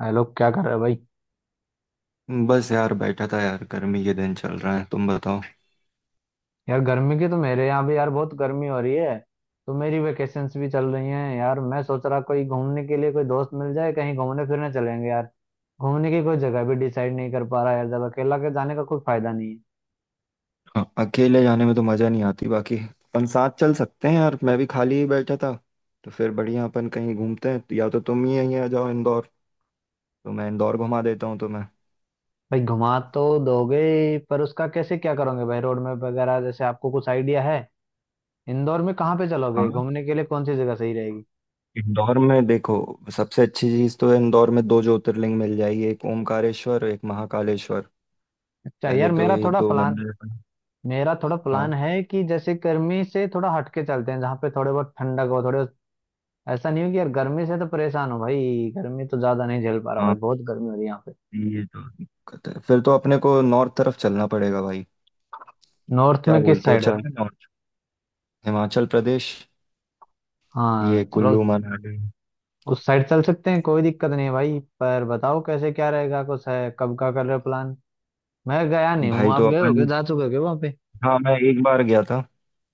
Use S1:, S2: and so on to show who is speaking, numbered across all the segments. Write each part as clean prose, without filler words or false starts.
S1: अरे लोग क्या कर रहे हैं भाई।
S2: बस यार बैठा था यार, गर्मी के दिन चल रहा है। तुम बताओ।
S1: यार गर्मी की तो मेरे यहाँ भी यार बहुत गर्मी हो रही है। तो मेरी वेकेशंस भी चल रही हैं यार, मैं सोच रहा कोई घूमने के लिए कोई दोस्त मिल जाए कहीं घूमने फिरने चलेंगे यार। घूमने की कोई जगह भी डिसाइड नहीं कर पा रहा यार, जब अकेला के जाने का कोई फायदा नहीं है।
S2: हाँ, अकेले जाने में तो मजा नहीं आती, बाकी अपन साथ चल सकते हैं यार, मैं भी खाली ही बैठा था। तो फिर बढ़िया, अपन कहीं घूमते हैं, या तो तुम ही यहीं आ जाओ इंदौर, तो मैं इंदौर घुमा देता हूँ तुम्हें।
S1: भाई घुमा तो दोगे ही, पर उसका कैसे क्या करोगे भाई? रोड मैप वगैरह जैसे आपको कुछ आइडिया है? इंदौर में कहाँ पे चलोगे
S2: हाँ।
S1: घूमने के लिए, कौन सी जगह सही रहेगी?
S2: इंदौर में देखो, सबसे अच्छी चीज़ तो है, इंदौर में दो ज्योतिर्लिंग मिल जाएगी, एक ओमकारेश्वर और एक महाकालेश्वर।
S1: अच्छा
S2: पहले
S1: यार,
S2: तो
S1: मेरा
S2: ये
S1: थोड़ा
S2: दो
S1: प्लान
S2: मंदिर हैं।
S1: मेरा थोड़ा प्लान
S2: हाँ।
S1: है कि जैसे गर्मी से थोड़ा हटके चलते हैं, जहाँ पे थोड़े बहुत ठंडक हो। थोड़े ऐसा नहीं हो कि यार गर्मी से तो परेशान हो भाई। गर्मी तो ज्यादा नहीं झेल पा रहा
S2: हाँ,
S1: भाई, बहुत गर्मी हो रही है यहाँ पे।
S2: ये तो दिक्कत है। फिर तो अपने को नॉर्थ तरफ चलना पड़ेगा भाई।
S1: नॉर्थ
S2: क्या
S1: में किस
S2: बोलते हो,
S1: साइड हो भाई?
S2: चलना नॉर्थ? हिमाचल प्रदेश, ये
S1: हाँ चलो,
S2: कुल्लू मनाली।
S1: उस साइड चल सकते हैं, कोई दिक्कत नहीं है भाई। पर बताओ कैसे क्या रहेगा, कुछ है कब का कर रहे हो प्लान? मैं गया नहीं हूँ,
S2: भाई
S1: आप
S2: तो
S1: गए हो क्या,
S2: अपन,
S1: जा चुके हो क्या वहाँ पे?
S2: हाँ मैं एक बार गया था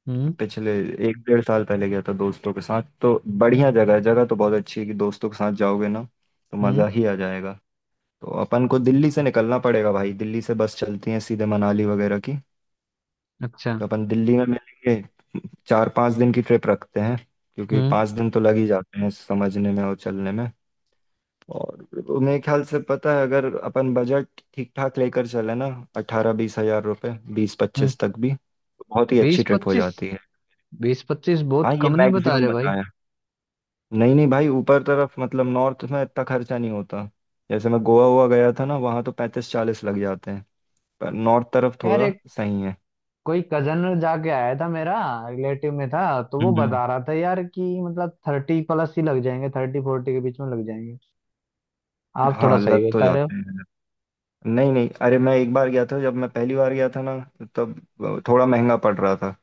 S1: हम्म।
S2: पिछले एक डेढ़ साल पहले, गया था दोस्तों के साथ। तो बढ़िया जगह है, जगह तो बहुत अच्छी है, कि दोस्तों के साथ जाओगे ना तो
S1: हम्म।
S2: मज़ा ही आ जाएगा। तो अपन को दिल्ली से निकलना पड़ेगा भाई, दिल्ली से बस चलती है सीधे मनाली वगैरह की।
S1: अच्छा।
S2: तो अपन दिल्ली में मिलेंगे, 4-5 दिन की ट्रिप रखते हैं, क्योंकि
S1: हम्म।
S2: 5 दिन तो लग ही जाते हैं समझने में और चलने में। और मेरे ख्याल से, पता है, अगर अपन बजट ठीक ठाक लेकर चले ना, 18-20 हज़ार रुपये, बीस
S1: हम्म।
S2: पच्चीस तक भी, तो बहुत ही अच्छी
S1: बीस
S2: ट्रिप हो
S1: पच्चीस
S2: जाती है।
S1: 20-25 बहुत
S2: हाँ ये
S1: कम नहीं बता
S2: मैक्सिमम
S1: रहे भाई?
S2: बताया। नहीं नहीं भाई, ऊपर तरफ मतलब नॉर्थ में इतना खर्चा नहीं होता। जैसे मैं गोवा हुआ गया था ना, वहाँ तो 35-40 लग जाते हैं, पर नॉर्थ तरफ
S1: यार
S2: थोड़ा
S1: एक
S2: सही है।
S1: कोई कजन जाके आया था मेरा, रिलेटिव में था, तो वो
S2: हम्म,
S1: बता रहा था यार कि मतलब 30+ ही लग जाएंगे, 30-40 के बीच में लग जाएंगे। आप थोड़ा
S2: हाँ
S1: सही
S2: लग तो
S1: बता रहे हो।
S2: जाते हैं। नहीं नहीं, अरे मैं एक बार गया था, जब मैं पहली बार गया था ना, तब थोड़ा महंगा पड़ रहा था।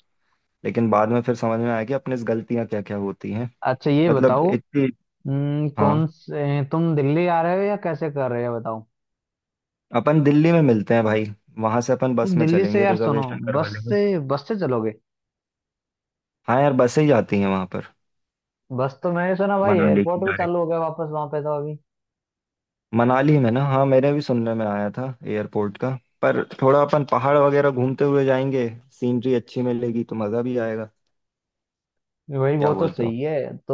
S2: लेकिन बाद में फिर समझ में आया कि अपने से गलतियाँ क्या क्या होती हैं,
S1: अच्छा ये
S2: मतलब
S1: बताओ।
S2: इतनी। हाँ।
S1: कौन से तुम दिल्ली आ रहे हो या कैसे कर रहे हो बताओ?
S2: अपन दिल्ली में मिलते हैं भाई, वहां से अपन
S1: तो
S2: बस में
S1: दिल्ली से
S2: चलेंगे,
S1: यार सुनो,
S2: रिजर्वेशन
S1: बस
S2: करवा लेंगे।
S1: से बस से चलोगे?
S2: हाँ यार, बसें ही जाती हैं वहां पर,
S1: बस तो मैंने सुना भाई
S2: मनाली की
S1: एयरपोर्ट भी
S2: डायरेक्ट।
S1: चालू हो गया वापस वहां पे तो अभी।
S2: मनाली में ना, हाँ, मेरे भी सुनने में आया था एयरपोर्ट का। पर थोड़ा अपन पहाड़ वगैरह घूमते हुए जाएंगे, सीनरी अच्छी मिलेगी तो मजा भी आएगा,
S1: भाई
S2: क्या
S1: वो तो
S2: बोलते हो?
S1: सही है। तो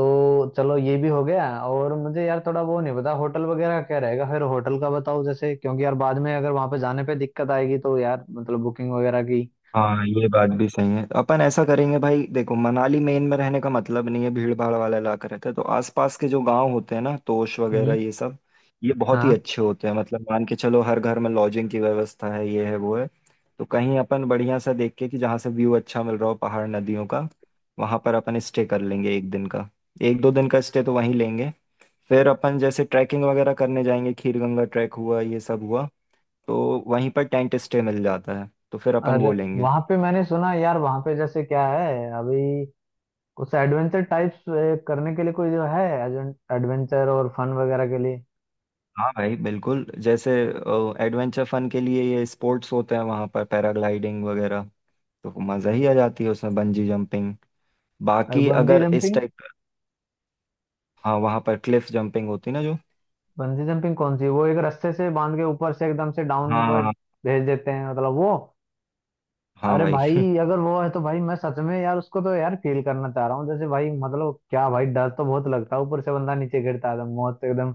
S1: चलो ये भी हो गया, और मुझे यार थोड़ा वो नहीं पता होटल वगैरह का क्या रहेगा, फिर होटल का बताओ जैसे, क्योंकि यार बाद में अगर वहां पे जाने पे दिक्कत आएगी तो यार मतलब बुकिंग वगैरह की।
S2: हाँ, ये बात भी सही है। अपन ऐसा करेंगे भाई, देखो मनाली मेन में रहने का मतलब नहीं है, भीड़ भाड़ वाला इलाका रहता है। तो आसपास के जो गांव होते हैं ना, तोश वगैरह
S1: हम्म।
S2: ये सब, ये बहुत ही
S1: हाँ।
S2: अच्छे होते हैं। मतलब मान के चलो, हर घर में लॉजिंग की व्यवस्था है, ये है वो है। तो कहीं अपन बढ़िया सा देख के, कि जहाँ से व्यू अच्छा मिल रहा हो पहाड़ नदियों का, वहां पर अपन स्टे कर लेंगे एक दिन का। 1-2 दिन का स्टे तो वहीं लेंगे। फिर अपन जैसे ट्रैकिंग वगैरह करने जाएंगे, खीर गंगा ट्रैक हुआ, ये सब हुआ। तो वहीं पर टेंट स्टे मिल जाता है, तो फिर अपन
S1: और
S2: वो लेंगे।
S1: वहां पे मैंने सुना यार वहां पे जैसे क्या है अभी, कुछ एडवेंचर टाइप्स करने के लिए कोई जो है, एडवेंचर और फन वगैरह के लिए।
S2: हाँ भाई बिल्कुल। जैसे एडवेंचर फन के लिए ये स्पोर्ट्स होते हैं वहाँ पर, पैराग्लाइडिंग वगैरह, तो मज़ा ही आ जाती है उसमें, बंजी जंपिंग।
S1: और
S2: बाकी
S1: बंजी
S2: अगर इस
S1: जंपिंग?
S2: टाइप का, हाँ, वहाँ पर क्लिफ जंपिंग होती ना जो।
S1: बंजी जंपिंग कौन सी, वो एक रस्से से बांध के ऊपर से एकदम से डाउन
S2: हाँ
S1: वो
S2: हाँ।
S1: भेज देते हैं मतलब वो?
S2: हाँ
S1: अरे
S2: भाई
S1: भाई अगर वो है तो भाई मैं सच में यार उसको तो यार फील करना चाह रहा हूँ, जैसे भाई मतलब क्या भाई, डर तो बहुत लगता है, ऊपर से बंदा नीचे गिरता है तो मौत एकदम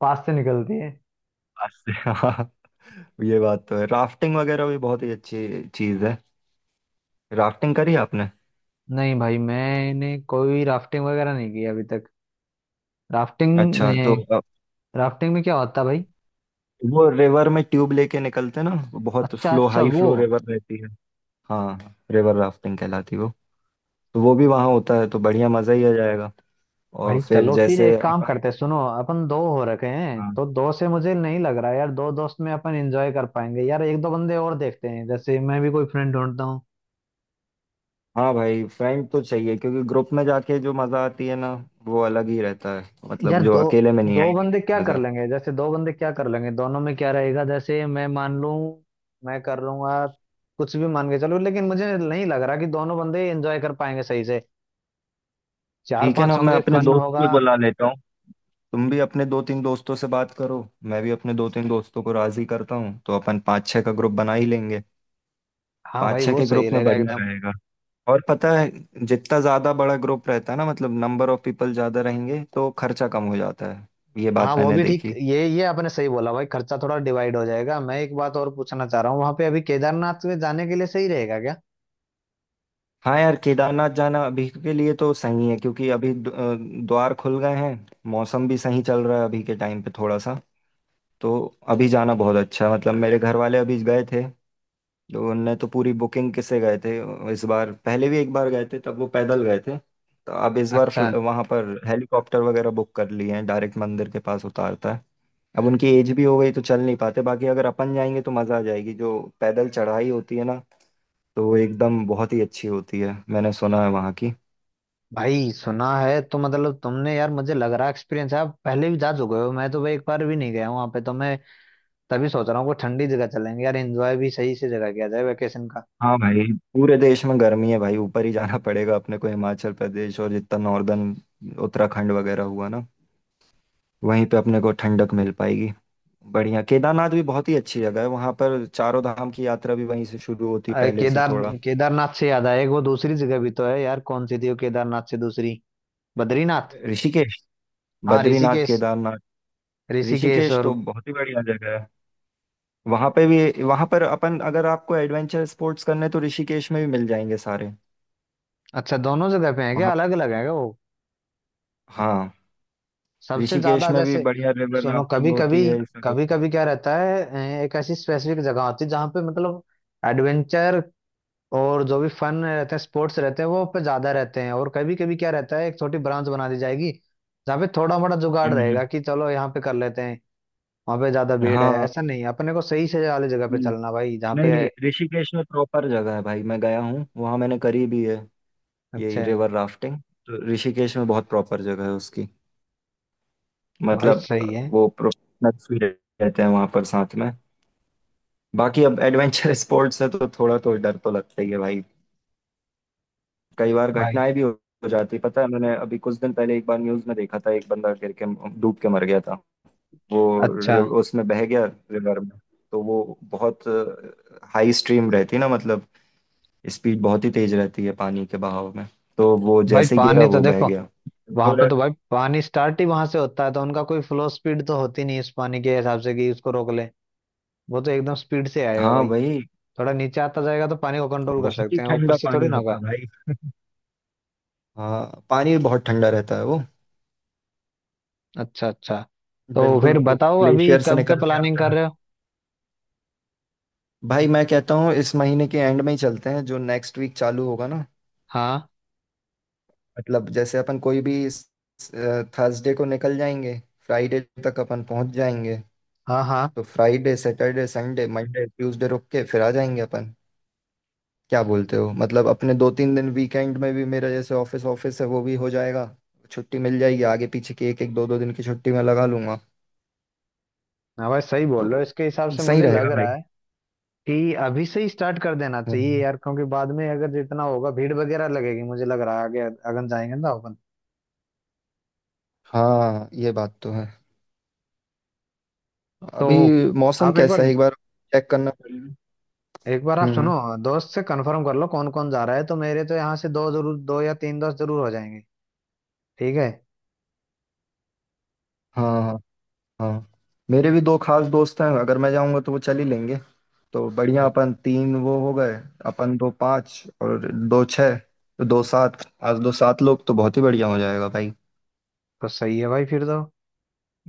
S1: पास से निकलती है।
S2: अच्छा, हाँ, ये बात तो है। राफ्टिंग वगैरह भी बहुत ही अच्छी चीज़ है। राफ्टिंग करी आपने?
S1: नहीं भाई, मैंने कोई राफ्टिंग वगैरह नहीं की अभी तक। राफ्टिंग
S2: अच्छा, तो
S1: में, राफ्टिंग में क्या होता है भाई?
S2: वो रिवर में ट्यूब लेके निकलते ना, वो बहुत
S1: अच्छा
S2: फ्लो,
S1: अच्छा
S2: हाई
S1: वो।
S2: फ्लो रिवर रहती है। हाँ, रिवर राफ्टिंग कहलाती है वो। तो वो भी वहाँ होता है तो बढ़िया मज़ा ही आ जाएगा। और
S1: भाई
S2: फिर
S1: चलो फिर
S2: जैसे
S1: एक काम
S2: अपन,
S1: करते हैं, सुनो अपन दो हो रखे हैं
S2: हाँ
S1: तो दो से मुझे नहीं लग रहा यार, दो दोस्त में अपन एंजॉय कर पाएंगे यार, एक दो बंदे और देखते हैं, जैसे मैं भी कोई फ्रेंड ढूंढता हूँ।
S2: हाँ भाई, फ्रेंड तो चाहिए, क्योंकि ग्रुप में जाके जो मजा आती है ना, वो अलग ही रहता है।
S1: यार
S2: मतलब जो
S1: दो
S2: अकेले में नहीं
S1: दो
S2: आएगी
S1: बंदे
S2: वैसी
S1: क्या कर
S2: मजा।
S1: लेंगे, जैसे दो बंदे क्या कर लेंगे, दोनों में क्या रहेगा? जैसे मैं मान लूं मैं कर लूंगा कुछ भी मान के चलो, लेकिन मुझे नहीं लग रहा कि दोनों बंदे एंजॉय कर पाएंगे सही से। चार
S2: ठीक है ना,
S1: पांच
S2: मैं
S1: होंगे
S2: अपने
S1: फन
S2: दोस्त
S1: होगा।
S2: को बुला लेता हूँ, तुम भी अपने दो तीन दोस्तों से बात करो, मैं भी अपने दो तीन दोस्तों को राजी करता हूँ, तो अपन पाँच छः का ग्रुप बना ही लेंगे।
S1: हाँ
S2: पाँच
S1: भाई
S2: छः
S1: वो
S2: के
S1: सही
S2: ग्रुप में
S1: रहेगा
S2: बढ़िया
S1: एकदम।
S2: रहेगा। और पता है, जितना ज्यादा बड़ा ग्रुप रहता है ना, मतलब नंबर ऑफ पीपल ज्यादा रहेंगे तो खर्चा कम हो जाता है। ये
S1: हाँ
S2: बात
S1: वो
S2: मैंने
S1: भी ठीक,
S2: देखी।
S1: ये आपने सही बोला भाई, खर्चा थोड़ा डिवाइड हो जाएगा। मैं एक बात और पूछना चाह रहा हूँ, वहां पे अभी केदारनाथ में जाने के लिए सही रहेगा क्या?
S2: हाँ यार, केदारनाथ जाना अभी के लिए तो सही है, क्योंकि अभी द्वार खुल गए हैं। मौसम भी सही चल रहा है अभी के टाइम पे थोड़ा सा, तो अभी जाना बहुत अच्छा है। मतलब मेरे घर वाले अभी गए थे, तो उनने तो पूरी बुकिंग किसे गए थे। इस बार पहले भी एक बार गए थे, तब वो पैदल गए थे, तो अब इस बार
S1: अच्छा।
S2: वहाँ पर हेलीकॉप्टर वगैरह बुक कर लिए हैं, डायरेक्ट मंदिर के पास उतारता है। अब उनकी एज भी हो गई तो चल नहीं पाते। बाकी अगर अपन जाएंगे तो मज़ा आ जाएगी, जो पैदल चढ़ाई होती है ना, तो वो एकदम बहुत ही अच्छी होती है, मैंने सुना है वहाँ की।
S1: भाई सुना है तो मतलब तुमने, यार मुझे लग रहा है एक्सपीरियंस है, आप पहले भी जा चुके हो। मैं तो भाई एक बार भी नहीं गया हूँ वहाँ पे, तो मैं तभी सोच रहा हूँ कोई ठंडी जगह चलेंगे यार, एंजॉय भी सही से जगह किया जाए वेकेशन का।
S2: हाँ भाई, पूरे देश में गर्मी है भाई, ऊपर ही जाना पड़ेगा अपने को, हिमाचल प्रदेश, और जितना नॉर्दर्न, उत्तराखंड वगैरह हुआ ना, वहीं पे अपने को ठंडक मिल पाएगी। बढ़िया, केदारनाथ भी बहुत ही अच्छी जगह है, वहां पर चारों धाम की यात्रा भी वहीं से शुरू होती है
S1: अरे
S2: पहले से
S1: केदार,
S2: थोड़ा।
S1: केदारनाथ से याद आया, एक वो दूसरी जगह भी तो है यार, कौन सी थी वो केदारनाथ से दूसरी? बद्रीनाथ।
S2: ऋषिकेश,
S1: हाँ
S2: बद्रीनाथ,
S1: ऋषिकेश।
S2: केदारनाथ।
S1: ऋषिकेश
S2: ऋषिकेश
S1: और?
S2: तो बहुत ही बढ़िया जगह है, वहां पे भी, वहां पर अपन, अगर आपको एडवेंचर स्पोर्ट्स करने तो ऋषिकेश में भी मिल जाएंगे सारे।
S1: अच्छा दोनों जगह पे है क्या,
S2: वहां,
S1: अलग अलग है क्या वो?
S2: हाँ,
S1: सबसे
S2: ऋषिकेश
S1: ज्यादा
S2: में भी
S1: जैसे।
S2: बढ़िया रिवर
S1: सुनो
S2: राफ्टिंग
S1: कभी कभी
S2: होती है, ये सब
S1: कभी
S2: होता
S1: कभी क्या रहता है, एक ऐसी स्पेसिफिक जगह होती है जहाँ पे मतलब एडवेंचर और जो भी फन रहते हैं, स्पोर्ट्स रहते हैं, वो पे ज्यादा रहते हैं। और कभी कभी क्या रहता है, एक छोटी ब्रांच बना दी जाएगी जहाँ पे थोड़ा मोड़ा
S2: है।
S1: जुगाड़ रहेगा कि चलो यहाँ पे कर लेते हैं। वहाँ पे ज्यादा भीड़ है
S2: हाँ।
S1: ऐसा नहीं, अपने को सही से वाली जगह पे
S2: हम्म,
S1: चलना भाई जहाँ
S2: नहीं
S1: पे।
S2: नहीं, ऋषिकेश में प्रॉपर जगह है भाई, मैं गया हूँ वहाँ, मैंने करी भी है
S1: अच्छा
S2: यही
S1: है
S2: रिवर राफ्टिंग। तो ऋषिकेश में बहुत प्रॉपर जगह है उसकी।
S1: तो भाई
S2: मतलब
S1: सही है
S2: वो प्रोफेशनल्स भी रहते हैं वहाँ पर साथ में। बाकी अब एडवेंचर स्पोर्ट्स है तो थोड़ा तो डर तो लगता ही है भाई। कई बार
S1: भाई।
S2: घटनाएं भी हो जाती है। पता है, मैंने अभी कुछ दिन पहले एक बार न्यूज में देखा था, एक बंदा गिर के डूब के मर गया था। वो
S1: अच्छा
S2: उसमें बह गया, रिवर में। तो वो बहुत हाई स्ट्रीम रहती ना, मतलब स्पीड बहुत ही तेज रहती है पानी के बहाव में। तो वो
S1: भाई,
S2: जैसे गिरा
S1: पानी तो
S2: वो बह
S1: देखो,
S2: गया।
S1: वहां पे
S2: थोड़ा,
S1: तो भाई पानी स्टार्ट ही वहां से होता है, तो उनका कोई फ्लो स्पीड तो होती नहीं इस पानी के हिसाब से कि उसको रोक ले। वो तो एकदम स्पीड से आएगा
S2: हाँ
S1: भाई।
S2: भाई,
S1: थोड़ा नीचे आता जाएगा तो पानी को कंट्रोल कर
S2: बहुत ही
S1: सकते हैं, ऊपर
S2: ठंडा
S1: से
S2: पानी
S1: थोड़ी ना
S2: होता
S1: होगा।
S2: है भाई। हाँ, पानी बहुत ठंडा रहता है वो,
S1: अच्छा अच्छा। तो फिर
S2: बिल्कुल
S1: बताओ अभी
S2: ग्लेशियर से
S1: कब क्या
S2: निकल के
S1: प्लानिंग
S2: आता
S1: कर
S2: है।
S1: रहे हो?
S2: भाई मैं कहता हूँ इस महीने के एंड में ही चलते हैं, जो नेक्स्ट वीक चालू होगा ना।
S1: हाँ।
S2: मतलब जैसे अपन कोई भी थर्सडे को निकल जाएंगे, फ्राइडे तक अपन पहुंच जाएंगे।
S1: हाँ। हाँ।
S2: तो Friday Saturday Sunday Monday Tuesday रुक के फिर आ जाएंगे अपन। क्या बोलते हो, मतलब अपने 2-3 दिन वीकेंड में भी, मेरा जैसे ऑफिस ऑफिस है वो भी हो जाएगा, छुट्टी मिल जाएगी, आगे पीछे की एक एक दो दो दिन की छुट्टी मैं लगा लूंगा।
S1: हाँ भाई सही बोल रहे हो,
S2: तो
S1: इसके हिसाब से
S2: सही
S1: मुझे लग
S2: रहेगा भाई।
S1: रहा है कि अभी से ही स्टार्ट कर देना चाहिए
S2: हम्म,
S1: यार, क्योंकि बाद में अगर जितना होगा भीड़ वगैरह लगेगी मुझे लग रहा है, आगे अगन जाएंगे ना अपन
S2: हाँ, ये बात तो है।
S1: तो।
S2: अभी मौसम
S1: आप
S2: कैसा है एक बार चेक करना पड़ेगा।
S1: एक बार आप सुनो,
S2: हम्म।
S1: दोस्त से कंफर्म कर लो कौन कौन जा रहा है, तो मेरे तो यहाँ से दो जरूर, दो या तीन दोस्त जरूर हो जाएंगे। ठीक है?
S2: हाँ, हाँ। हाँ, मेरे भी दो खास दोस्त हैं, अगर मैं जाऊंगा तो वो चल ही लेंगे। तो बढ़िया,
S1: तो,
S2: अपन तीन वो हो गए। अपन दो पाँच, और दो छः, तो दो सात। आज दो सात लोग तो बहुत ही बढ़िया हो जाएगा भाई।
S1: तो सही है भाई फिर तो,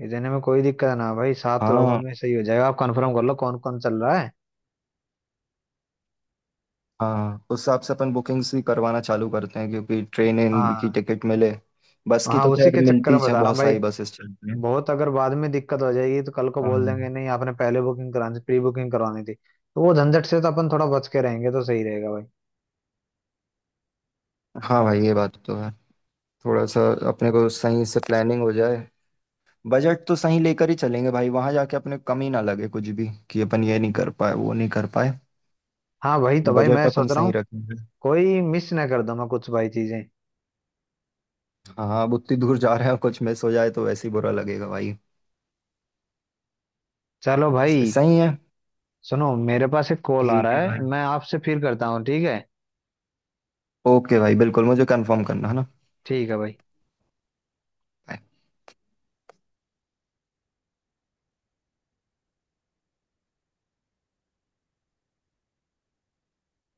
S1: इतने में कोई दिक्कत ना भाई, सात लोगों
S2: हाँ।
S1: में सही हो जाएगा। आप कंफर्म कर लो कौन कौन चल रहा है।
S2: हाँ, उस हिसाब से अपन बुकिंग्स भी करवाना चालू करते हैं, क्योंकि ट्रेन इन की
S1: हाँ।
S2: टिकट मिले। बस की
S1: हाँ
S2: तो
S1: उसी
S2: खैर
S1: के चक्कर
S2: मिलती ही
S1: में
S2: है,
S1: बता रहा हूँ
S2: बहुत
S1: भाई,
S2: सारी बसेस चलती हैं।
S1: बहुत अगर बाद में दिक्कत हो जाएगी तो कल को बोल देंगे
S2: हाँ।
S1: नहीं आपने पहले बुकिंग करानी, प्री बुकिंग करवानी थी, तो वो झंझट से तो अपन थोड़ा बच के रहेंगे तो सही रहेगा भाई।
S2: हाँ भाई, ये बात तो है, थोड़ा सा अपने को सही से प्लानिंग हो जाए। बजट तो सही लेकर ही चलेंगे भाई, वहां जाके अपने को कमी ना लगे कुछ भी, कि अपन ये नहीं कर पाए वो नहीं कर पाए।
S1: हाँ भाई तो भाई
S2: बजट
S1: मैं
S2: अपन
S1: सोच रहा
S2: सही
S1: हूँ
S2: रखेंगे।
S1: कोई मिस ना कर दूं मैं कुछ भाई चीजें।
S2: हाँ, अब उतनी दूर जा रहे हैं, कुछ मिस हो जाए तो वैसे ही बुरा लगेगा भाई।
S1: चलो भाई,
S2: सही है।
S1: सुनो मेरे पास एक कॉल आ
S2: ठीक
S1: रहा
S2: है
S1: है,
S2: भाई।
S1: मैं आपसे फिर करता हूँ, ठीक है?
S2: ओके भाई बिल्कुल, मुझे कंफर्म करना है ना।
S1: ठीक है भाई।